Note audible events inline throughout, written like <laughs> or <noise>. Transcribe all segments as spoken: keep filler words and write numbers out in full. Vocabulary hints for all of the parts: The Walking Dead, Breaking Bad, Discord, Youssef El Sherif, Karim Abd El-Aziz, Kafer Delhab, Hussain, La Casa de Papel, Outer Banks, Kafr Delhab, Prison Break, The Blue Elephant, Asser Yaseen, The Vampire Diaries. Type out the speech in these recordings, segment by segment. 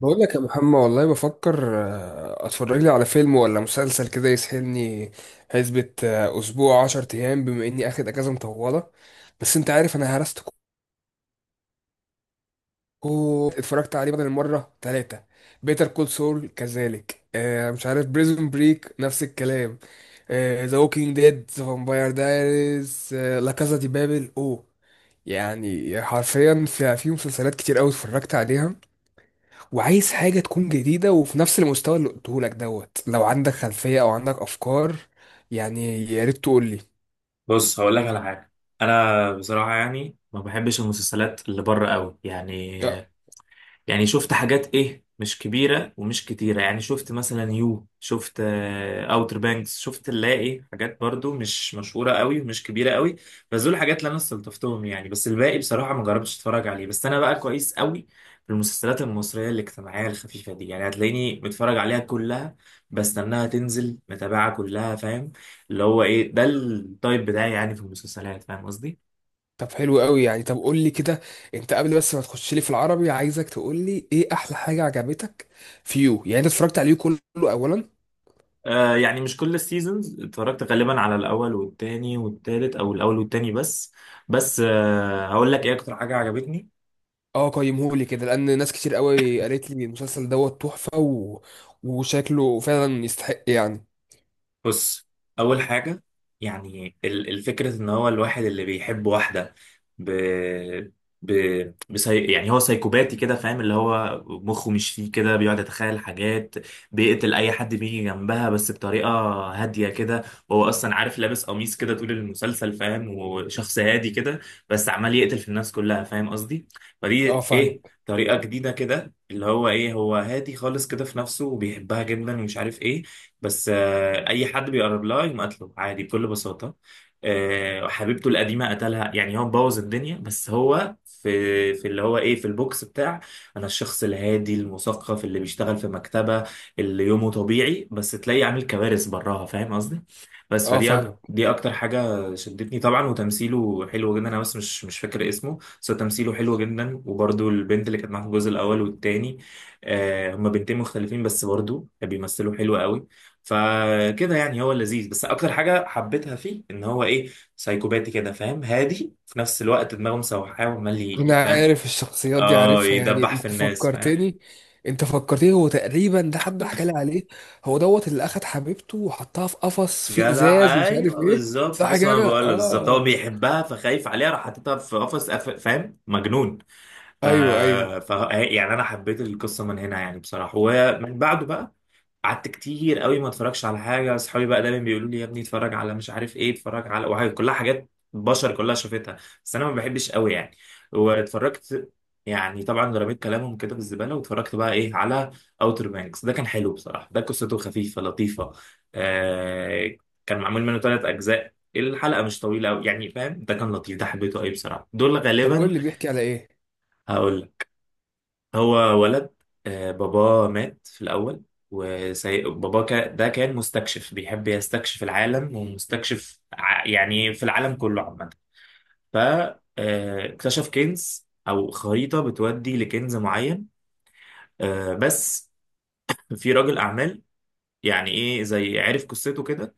بقول لك يا محمد، والله بفكر آه، اتفرج لي على فيلم ولا مسلسل كده يسحلني حسبة. آه، اسبوع عشر ايام، بما اني اخد اجازه مطوله. بس انت عارف انا هرست، كو اتفرجت عليه بدل المره ثلاثه. بيتر كول سول كذلك، آه، مش عارف، بريزون بريك نفس الكلام، ذا ووكينج ديد، ذا فامباير دايريز، لا كازا دي بابل، اوه. يعني حرفيا في في مسلسلات كتير قوي اتفرجت عليها، وعايز حاجة تكون جديدة وفي نفس المستوى اللي قلته لك دوت. لو عندك خلفية أو عندك أفكار، يعني يا ريت تقول لي. بص هقول لك على حاجه. انا بصراحه يعني ما بحبش المسلسلات اللي بره قوي يعني. آه، يعني شفت حاجات ايه مش كبيرة ومش كتيرة، يعني شفت مثلا يو، شفت اوتر بانكس، شفت اللي هي ايه حاجات برضو مش مشهورة قوي ومش كبيرة قوي. بس دول الحاجات اللي انا استلطفتهم يعني، بس الباقي بصراحة ما جربتش اتفرج عليه. بس انا بقى كويس قوي في المسلسلات المصرية الاجتماعية الخفيفة دي، يعني هتلاقيني متفرج عليها كلها، بستناها تنزل، متابعة كلها فاهم، اللي هو ايه ده التايب بتاعي يعني في المسلسلات فاهم قصدي. طب حلو قوي يعني. طب قول لي كده، أنت قبل بس ما تخش لي في العربي، عايزك تقول لي إيه أحلى حاجة عجبتك في يو. يعني أنت اتفرجت عليه كله أولا؟ آه يعني مش كل السيزونز اتفرجت، غالبا على الاول والتاني والتالت او الاول والتاني بس. بس آه هقول لك ايه اكتر حاجه عجبتني. أه قيمه لي كده، لأن ناس كتير قوي قالت لي المسلسل دوت تحفة، و... وشكله فعلا يستحق يعني. بص، اول حاجه، يعني ال- الفكره ان هو الواحد اللي بيحب واحده، ب... ب... بسي... يعني هو سايكوباتي كده فاهم، اللي هو مخه مش فيه كده، بيقعد يتخيل حاجات، بيقتل اي حد بيجي جنبها بس بطريقه هاديه كده. وهو اصلا عارف لابس قميص كده طول المسلسل فاهم، وشخص هادي كده بس عمال يقتل في الناس كلها فاهم قصدي. فدي أه ايه فاهمك. طريقه جديده كده، اللي هو ايه هو هادي خالص كده في نفسه وبيحبها جدا ومش عارف ايه. بس آه، اي حد بيقرب لها يقوم قتله عادي بكل بساطه. آه، حبيبته القديمه قتلها، يعني هو مبوظ الدنيا، بس هو في في اللي هو ايه في البوكس بتاع انا الشخص الهادي المثقف اللي بيشتغل في مكتبه، اللي يومه طبيعي بس تلاقيه عامل كوارث براها فاهم قصدي. بس أه فدي أك... فاهمك. دي اكتر حاجه شدتني طبعا، وتمثيله حلو جدا، انا بس مش مش فاكر اسمه، بس هو تمثيله حلو جدا، وبرده البنت اللي كانت معاه في الجزء الاول والتاني. آه هما بنتين مختلفين بس برضو بيمثلوا حلو قوي. فكده يعني هو لذيذ، بس اكتر حاجه حبيتها فيه ان هو ايه سايكوباتي كده فاهم، هادي في نفس الوقت دماغه مسوحاه وعمال انا ي- فاهم. عارف الشخصيات دي، اه عارفها يعني. يدبح في انت الناس فاهم. فكرتني. انت فكرتني، هو تقريبا ده حد حكى لي عليه. هو دوت اللي اخد حبيبته وحطها في قفص في جدع ازاز، ومش عارف ايوه ايه، بالظبط. صح بص هو انا كده، بقول له بالظبط، هو اه. بيحبها فخايف عليها، راح حاططها في قفص قف- فاهم، مجنون. ف... ايوه، ايوه. ف يعني انا حبيت القصه من هنا يعني بصراحه. ومن بعده بقى قعدت كتير قوي ما اتفرجش على حاجه. اصحابي بقى دايما بيقولوا لي يا ابني اتفرج على مش عارف ايه، اتفرج على وحاجه، كلها حاجات بشر كلها شافتها، بس انا ما بحبش قوي يعني. واتفرجت، يعني طبعا رميت كلامهم كده في الزباله، واتفرجت بقى ايه على اوتر بانكس. ده كان حلو بصراحه، ده قصته خفيفه لطيفه. آه كان معمول منه ثلاث اجزاء، الحلقه مش طويله قوي يعني فاهم، ده كان لطيف، ده حبيته قوي بصراحه، دول طب غالبا. قول لي بيحكي على ايه. هقول لك، هو ولد، آه، باباه مات في الأول. وبابا كا ده كان مستكشف بيحب يستكشف العالم، ومستكشف ع- يعني في العالم كله عامة. فاكتشف كنز أو خريطة بتودي لكنز معين. آه، بس في راجل أعمال، يعني إيه زي عرف قصته كده،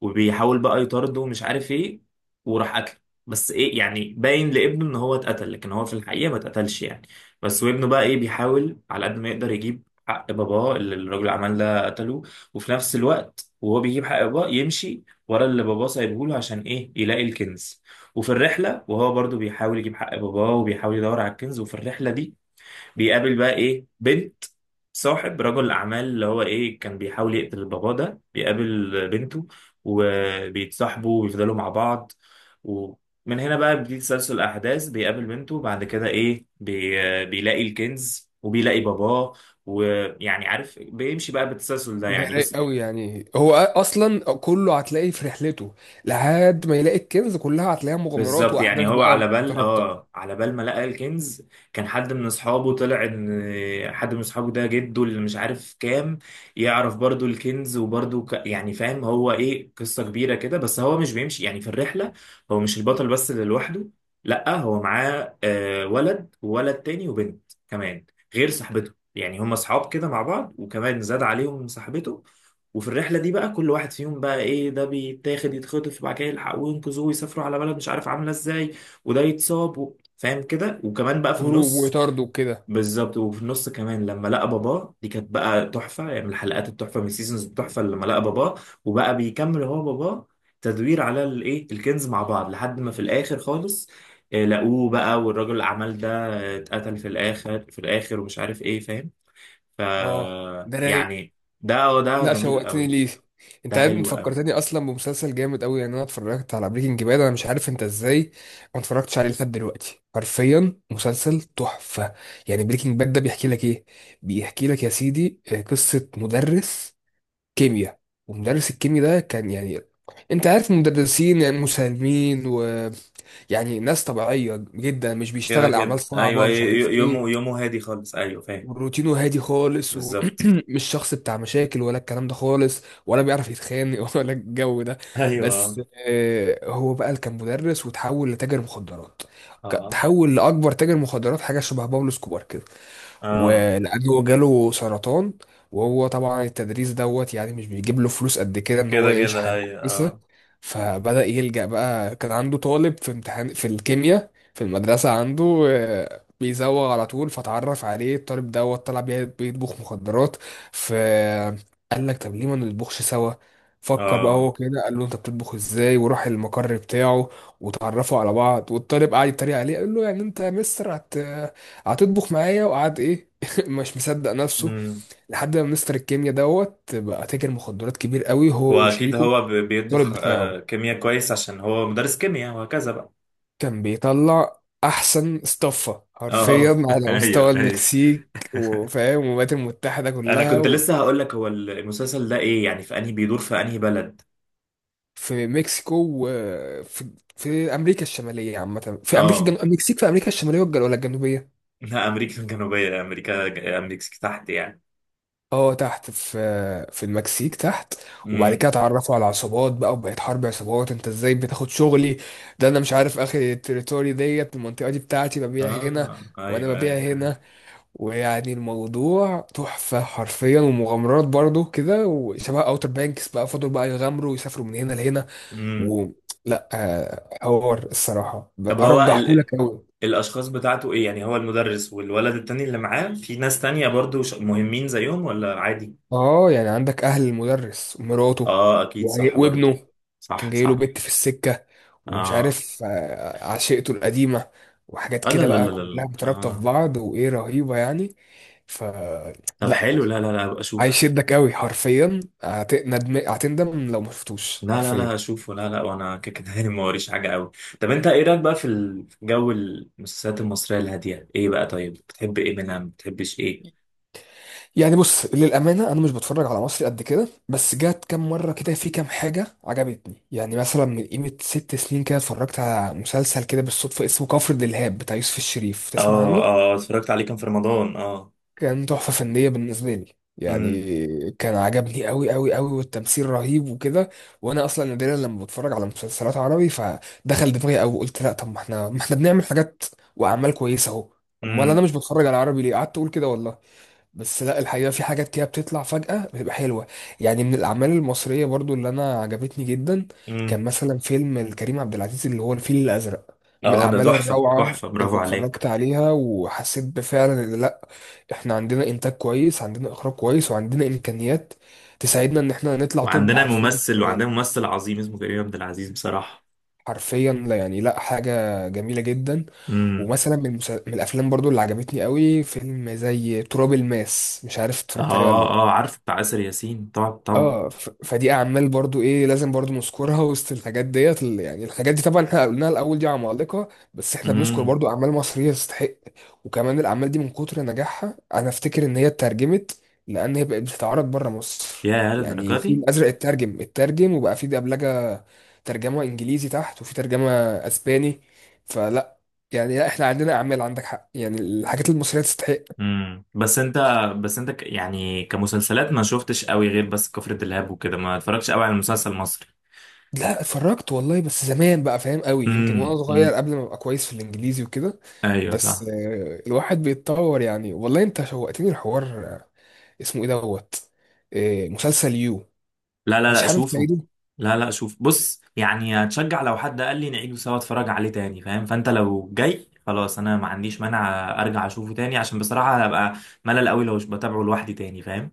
وبيحاول بقى يطارده ومش عارف ايه، وراح قتله. بس ايه يعني باين لابنه ان هو اتقتل، لكن هو في الحقيقه ما اتقتلش يعني. بس وابنه بقى ايه بيحاول على قد ما يقدر يجيب حق باباه اللي الراجل العمال ده قتله. وفي نفس الوقت وهو بيجيب حق باباه يمشي ورا اللي باباه سايبه له عشان ايه يلاقي الكنز. وفي الرحله وهو برضو بيحاول يجيب حق باباه وبيحاول يدور على الكنز، وفي الرحله دي بيقابل بقى ايه بنت صاحب رجل اعمال اللي هو ايه كان بيحاول يقتل البابا ده، بيقابل بنته وبيتصاحبوا ويفضلوا مع بعض. ومن هنا بقى بيبتدي تسلسل الاحداث، بيقابل بنته، بعد كده ايه بي... بيلاقي الكنز وبيلاقي باباه، ويعني عارف بيمشي بقى بالتسلسل ده ده يعني بس. رايق قوي يعني. هو أ- اصلا كله هتلاقيه في رحلته، لحد ما يلاقي الكنز، كلها هتلاقيها مغامرات بالظبط، يعني واحداث هو على بقى بال مترابطه، اه على بال ما لقى الكنز، كان حد من اصحابه طلع ان حد من اصحابه ده جده اللي مش عارف كام، يعرف برضو الكنز وبرضو ك... يعني فاهم هو ايه قصة كبيرة كده. بس هو مش بيمشي يعني في الرحلة، هو مش البطل بس اللي لوحده، لا هو معاه آه ولد وولد تاني وبنت كمان غير صاحبته، يعني هم اصحاب كده مع بعض، وكمان زاد عليهم صاحبته. وفي الرحلة دي بقى كل واحد فيهم بقى ايه ده بيتاخد، يتخطف وبعد كده يلحقوه وينقذوه ويسافروا على بلد مش عارف عاملة ازاي، وده يتصاب و... فاهم كده، وكمان بقى في هروب النص. وطرد وكده. بالظبط، وفي النص كمان لما لقى باباه دي كانت بقى تحفة، يعني من الحلقات التحفة من السيزونز التحفة لما لقى باباه، وبقى بيكمل هو باباه تدوير على الايه الكنز مع بعض، لحد ما في الاخر خالص آه، لقوه بقى. والراجل الاعمال ده آه، اتقتل في الاخر في الاخر ومش عارف ايه فاهم. ف اه، ده رايق. يعني ده ده لا، جميل شوقتني قوي، ليه. انت ده عارف، انت حلو قوي. فكرتني اصلا بمسلسل جامد قوي. يعني انا اتفرجت على بريكنج باد، انا مش عارف انت ازاي ما اتفرجتش عليه لحد دلوقتي. حرفيا مسلسل تحفه. يعني بريكنج باد ده بيحكي لك ايه؟ بيحكي لك يا سيدي، آه، قصه مدرس كيمياء. ومدرس الكيمياء ده كان يعني، انت عارف المدرسين يعني مسالمين، ويعني ناس طبيعيه جدا، مش كده بيشتغل اعمال كده صعبه، ايوه، مش ي- عارف يومه ايه. يومه هادي خالص ايوه فاهم. وروتينه هادي خالص، بالظبط. ومش <clears throat> شخص بتاع مشاكل، ولا الكلام ده خالص، ولا بيعرف يتخانق <laughs> ولا الجو ده. <laughs> ايوه. بس آه، هو بقى اللي كان مدرس وتحول لتاجر مخدرات. ك- اه تحول لأكبر تاجر مخدرات، حاجة شبه بابلو سكوبار كده. اه ولأجله جاله سرطان. وهو طبعا التدريس دوت يعني مش بيجيب له فلوس قد كده ان هو كده يعيش كده حياة ايوه كويسة. اه فبدأ يلجأ بقى. كان عنده طالب في امتحان في الكيمياء في المدرسة عنده، آه، بيزوغ على طول، فتعرف عليه. الطالب دوت طلع بي- بيطبخ مخدرات. فقال لك طب ليه ما نطبخش سوا. فكر بقى اه. هو كده، قال له انت بتطبخ ازاي، وراح المقر بتاعه، وتعرفوا على بعض. والطالب قعد يتريق عليه، قال له يعني انت يا مستر هتطبخ معايا؟ وقعد ايه <laughs> مش مصدق نفسه. امم. لحد ما مستر الكيمياء دوت بقى تاجر مخدرات كبير قوي، هو واكيد وشريكه هو ب- بيطبخ الولد بتاعه، آه كيمياء كويس عشان هو مدرس كيمياء وهكذا بقى. كان بيطلع احسن استفه حرفيا اه <laughs> على مستوى ايوه ايوه. المكسيك، وفاهم، والولايات المتحده انا كلها. كنت لسه هقول لك هو المسلسل ده ايه يعني، في انهي بيدور، في انهي بلد. وفي مكسيكو، وفي في امريكا الشماليه عامه، في امريكا اه الجنوبيه، المكسيك في امريكا الشماليه، والج- ولا الجنوبيه. <laughs> لا امريكا الجنوبيه، امريكا امريكا تحت يعني. اه تحت، في في المكسيك تحت. وبعد امم. كده اتعرفوا على عصابات بقى، وبقت حرب عصابات: انت ازاي بتاخد شغلي، ده انا مش عارف، اخر التريتوري ديت، المنطقة دي بتاعتي ببيع هنا، اه وانا ايوه ببيع ايوه. هنا. ويعني الموضوع تحفة حرفيا، ومغامرات برضو كده، وشبه اوتر بانكس بقى، فضلوا بقى يغامروا ويسافروا من هنا لهنا. امم. و لا، آه، حوار الصراحة طب هو ال... ارجحهولك قوي. الاشخاص بتاعته ايه يعني، هو المدرس والولد التاني اللي معاه، في ناس تانية برضو ش- مهمين زيهم، ولا عادي؟ اه يعني عندك اهل المدرس ومراته، اه اكيد وعي- صح برضو. وابنه، كان صح جاي له صح. بنت في السكه، ومش اه عارف، آه، عشيقته القديمه، وحاجات اه لا كده لا بقى لا لا كلها لا. مترابطه في اه. بعض، وايه رهيبه يعني. ف طب لا، حلو، لا لا لا ابقى اشوف. هيشدك قوي حرفيا، هت- ندم- هتندم لو ما شفتوش لا لا لا حرفيا. اشوفه. لا لا وانا كده كده <laughs> يعني ما وريش حاجه قوي. طب انت ايه رايك بقى في ال- في جو المسلسلات المصريه الهاديه، ايه بقى طيب، بتحب ايه منها، ما بتحبش ايه؟ يعني بص للأمانة، أنا مش بتفرج على مصري قد كده، بس جات كام مرة كده في كام حاجة عجبتني. يعني مثلا من قيمة ست سنين كده، اتفرجت على مسلسل كده بالصدفة، اسمه كفر دلهاب، بتاع يوسف الشريف. تسمع اه عنه؟ اه اتفرجت عليه كان في رمضان اه. كان تحفة فنية بالنسبة لي امم يعني. كان عجبني قوي قوي قوي، والتمثيل رهيب وكده. وأنا أصلا نادرا لما بتفرج على مسلسلات عربي، فدخل دماغي قوي، وقلت لا، طب ما احنا ما احنا بنعمل حاجات وأعمال كويسة أهو. أمال أنا امم. مش بتفرج على عربي ليه؟ قعدت أقول كده والله. بس لا، الحقيقة في حاجات كده بتطلع فجأة بتبقى حلوة. يعني من الأعمال المصرية برضو اللي أنا عجبتني جدا، امم. كان مثلا فيلم لكريم عبد العزيز، اللي هو الفيل الأزرق، من اه ده الأعمال تحفه الروعة تحفه، برافو اللي عليك. اتفرجت عليها، وحسيت بفعلا إن لأ، إحنا عندنا إنتاج كويس، عندنا إخراج كويس، وعندنا إمكانيات تساعدنا إن إحنا نطلع توب وعندنا حرفيا في ممثل وعندنا المجال. ممثل عظيم اسمه كريم عبد العزيز بصراحة. حرفيا، لا يعني، لأ حاجة جميلة جدا. امم. ومثلا من، المسا- من الأفلام برضو اللي عجبتني قوي، فيلم زي تراب الماس. مش عارف اتفرجت عليه ولا اه لأ. اه عارف بتاع آسر ياسين طبعا طبعا. اه، ف- فدي اعمال برضو ايه لازم برضو نذكرها <laughs> وسط الحاجات ديت ال- يعني الحاجات دي، طبعا احنا قلناها الاول، دي عمالقه. بس احنا بنذكر امم. برضو اعمال مصريه تستحق. وكمان الاعمال دي من كتر نجاحها، انا افتكر ان هي اترجمت، لان هي بقت بتتعرض بره مصر. يا يعني للدرجة الفيل دي. الازرق اترجم، اترجم وبقى في دبلجه، ترجمه انجليزي تحت، وفي ترجمه اسباني. فلا، يعني لا، احنا عندنا اعمال، عندك حق، يعني الحاجات المصريه تستحق. امم. بس انت، بس انت ك... يعني كمسلسلات ما شفتش قوي غير بس كفر دلهاب وكده، ما اتفرجتش قوي على مسلسل مصري. لا اتفرجت والله، بس زمان بقى فاهم، قوي يمكن وانا امم صغير امم. قبل ما ابقى كويس في الانجليزي وكده. ايوه بس صح. آه، الواحد بيتطور يعني. والله انت شوقتني الحوار. آه، اسمه ايه دوت؟ آه، مسلسل يو. لا لا مش لا حابب شوفه. تعيده؟ لا لا شوف بص يعني هتشجع، لو حد قال لي نعيده سوا اتفرج عليه تاني فاهم، فانت لو جاي خلاص انا ما عنديش مانع ارجع اشوفه تاني، عشان بصراحة هبقى ملل قوي لو مش بتابعه لوحدي تاني فاهم.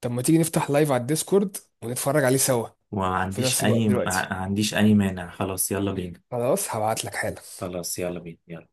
طب ما تيجي نفتح لايف على الديسكورد، ونتفرج عليه سوا وما في عنديش نفس الوقت اي ما دلوقتي. عنديش اي مانع، خلاص يلا بينا، خلاص هبعت لك حالا. خلاص يلا بينا يلا.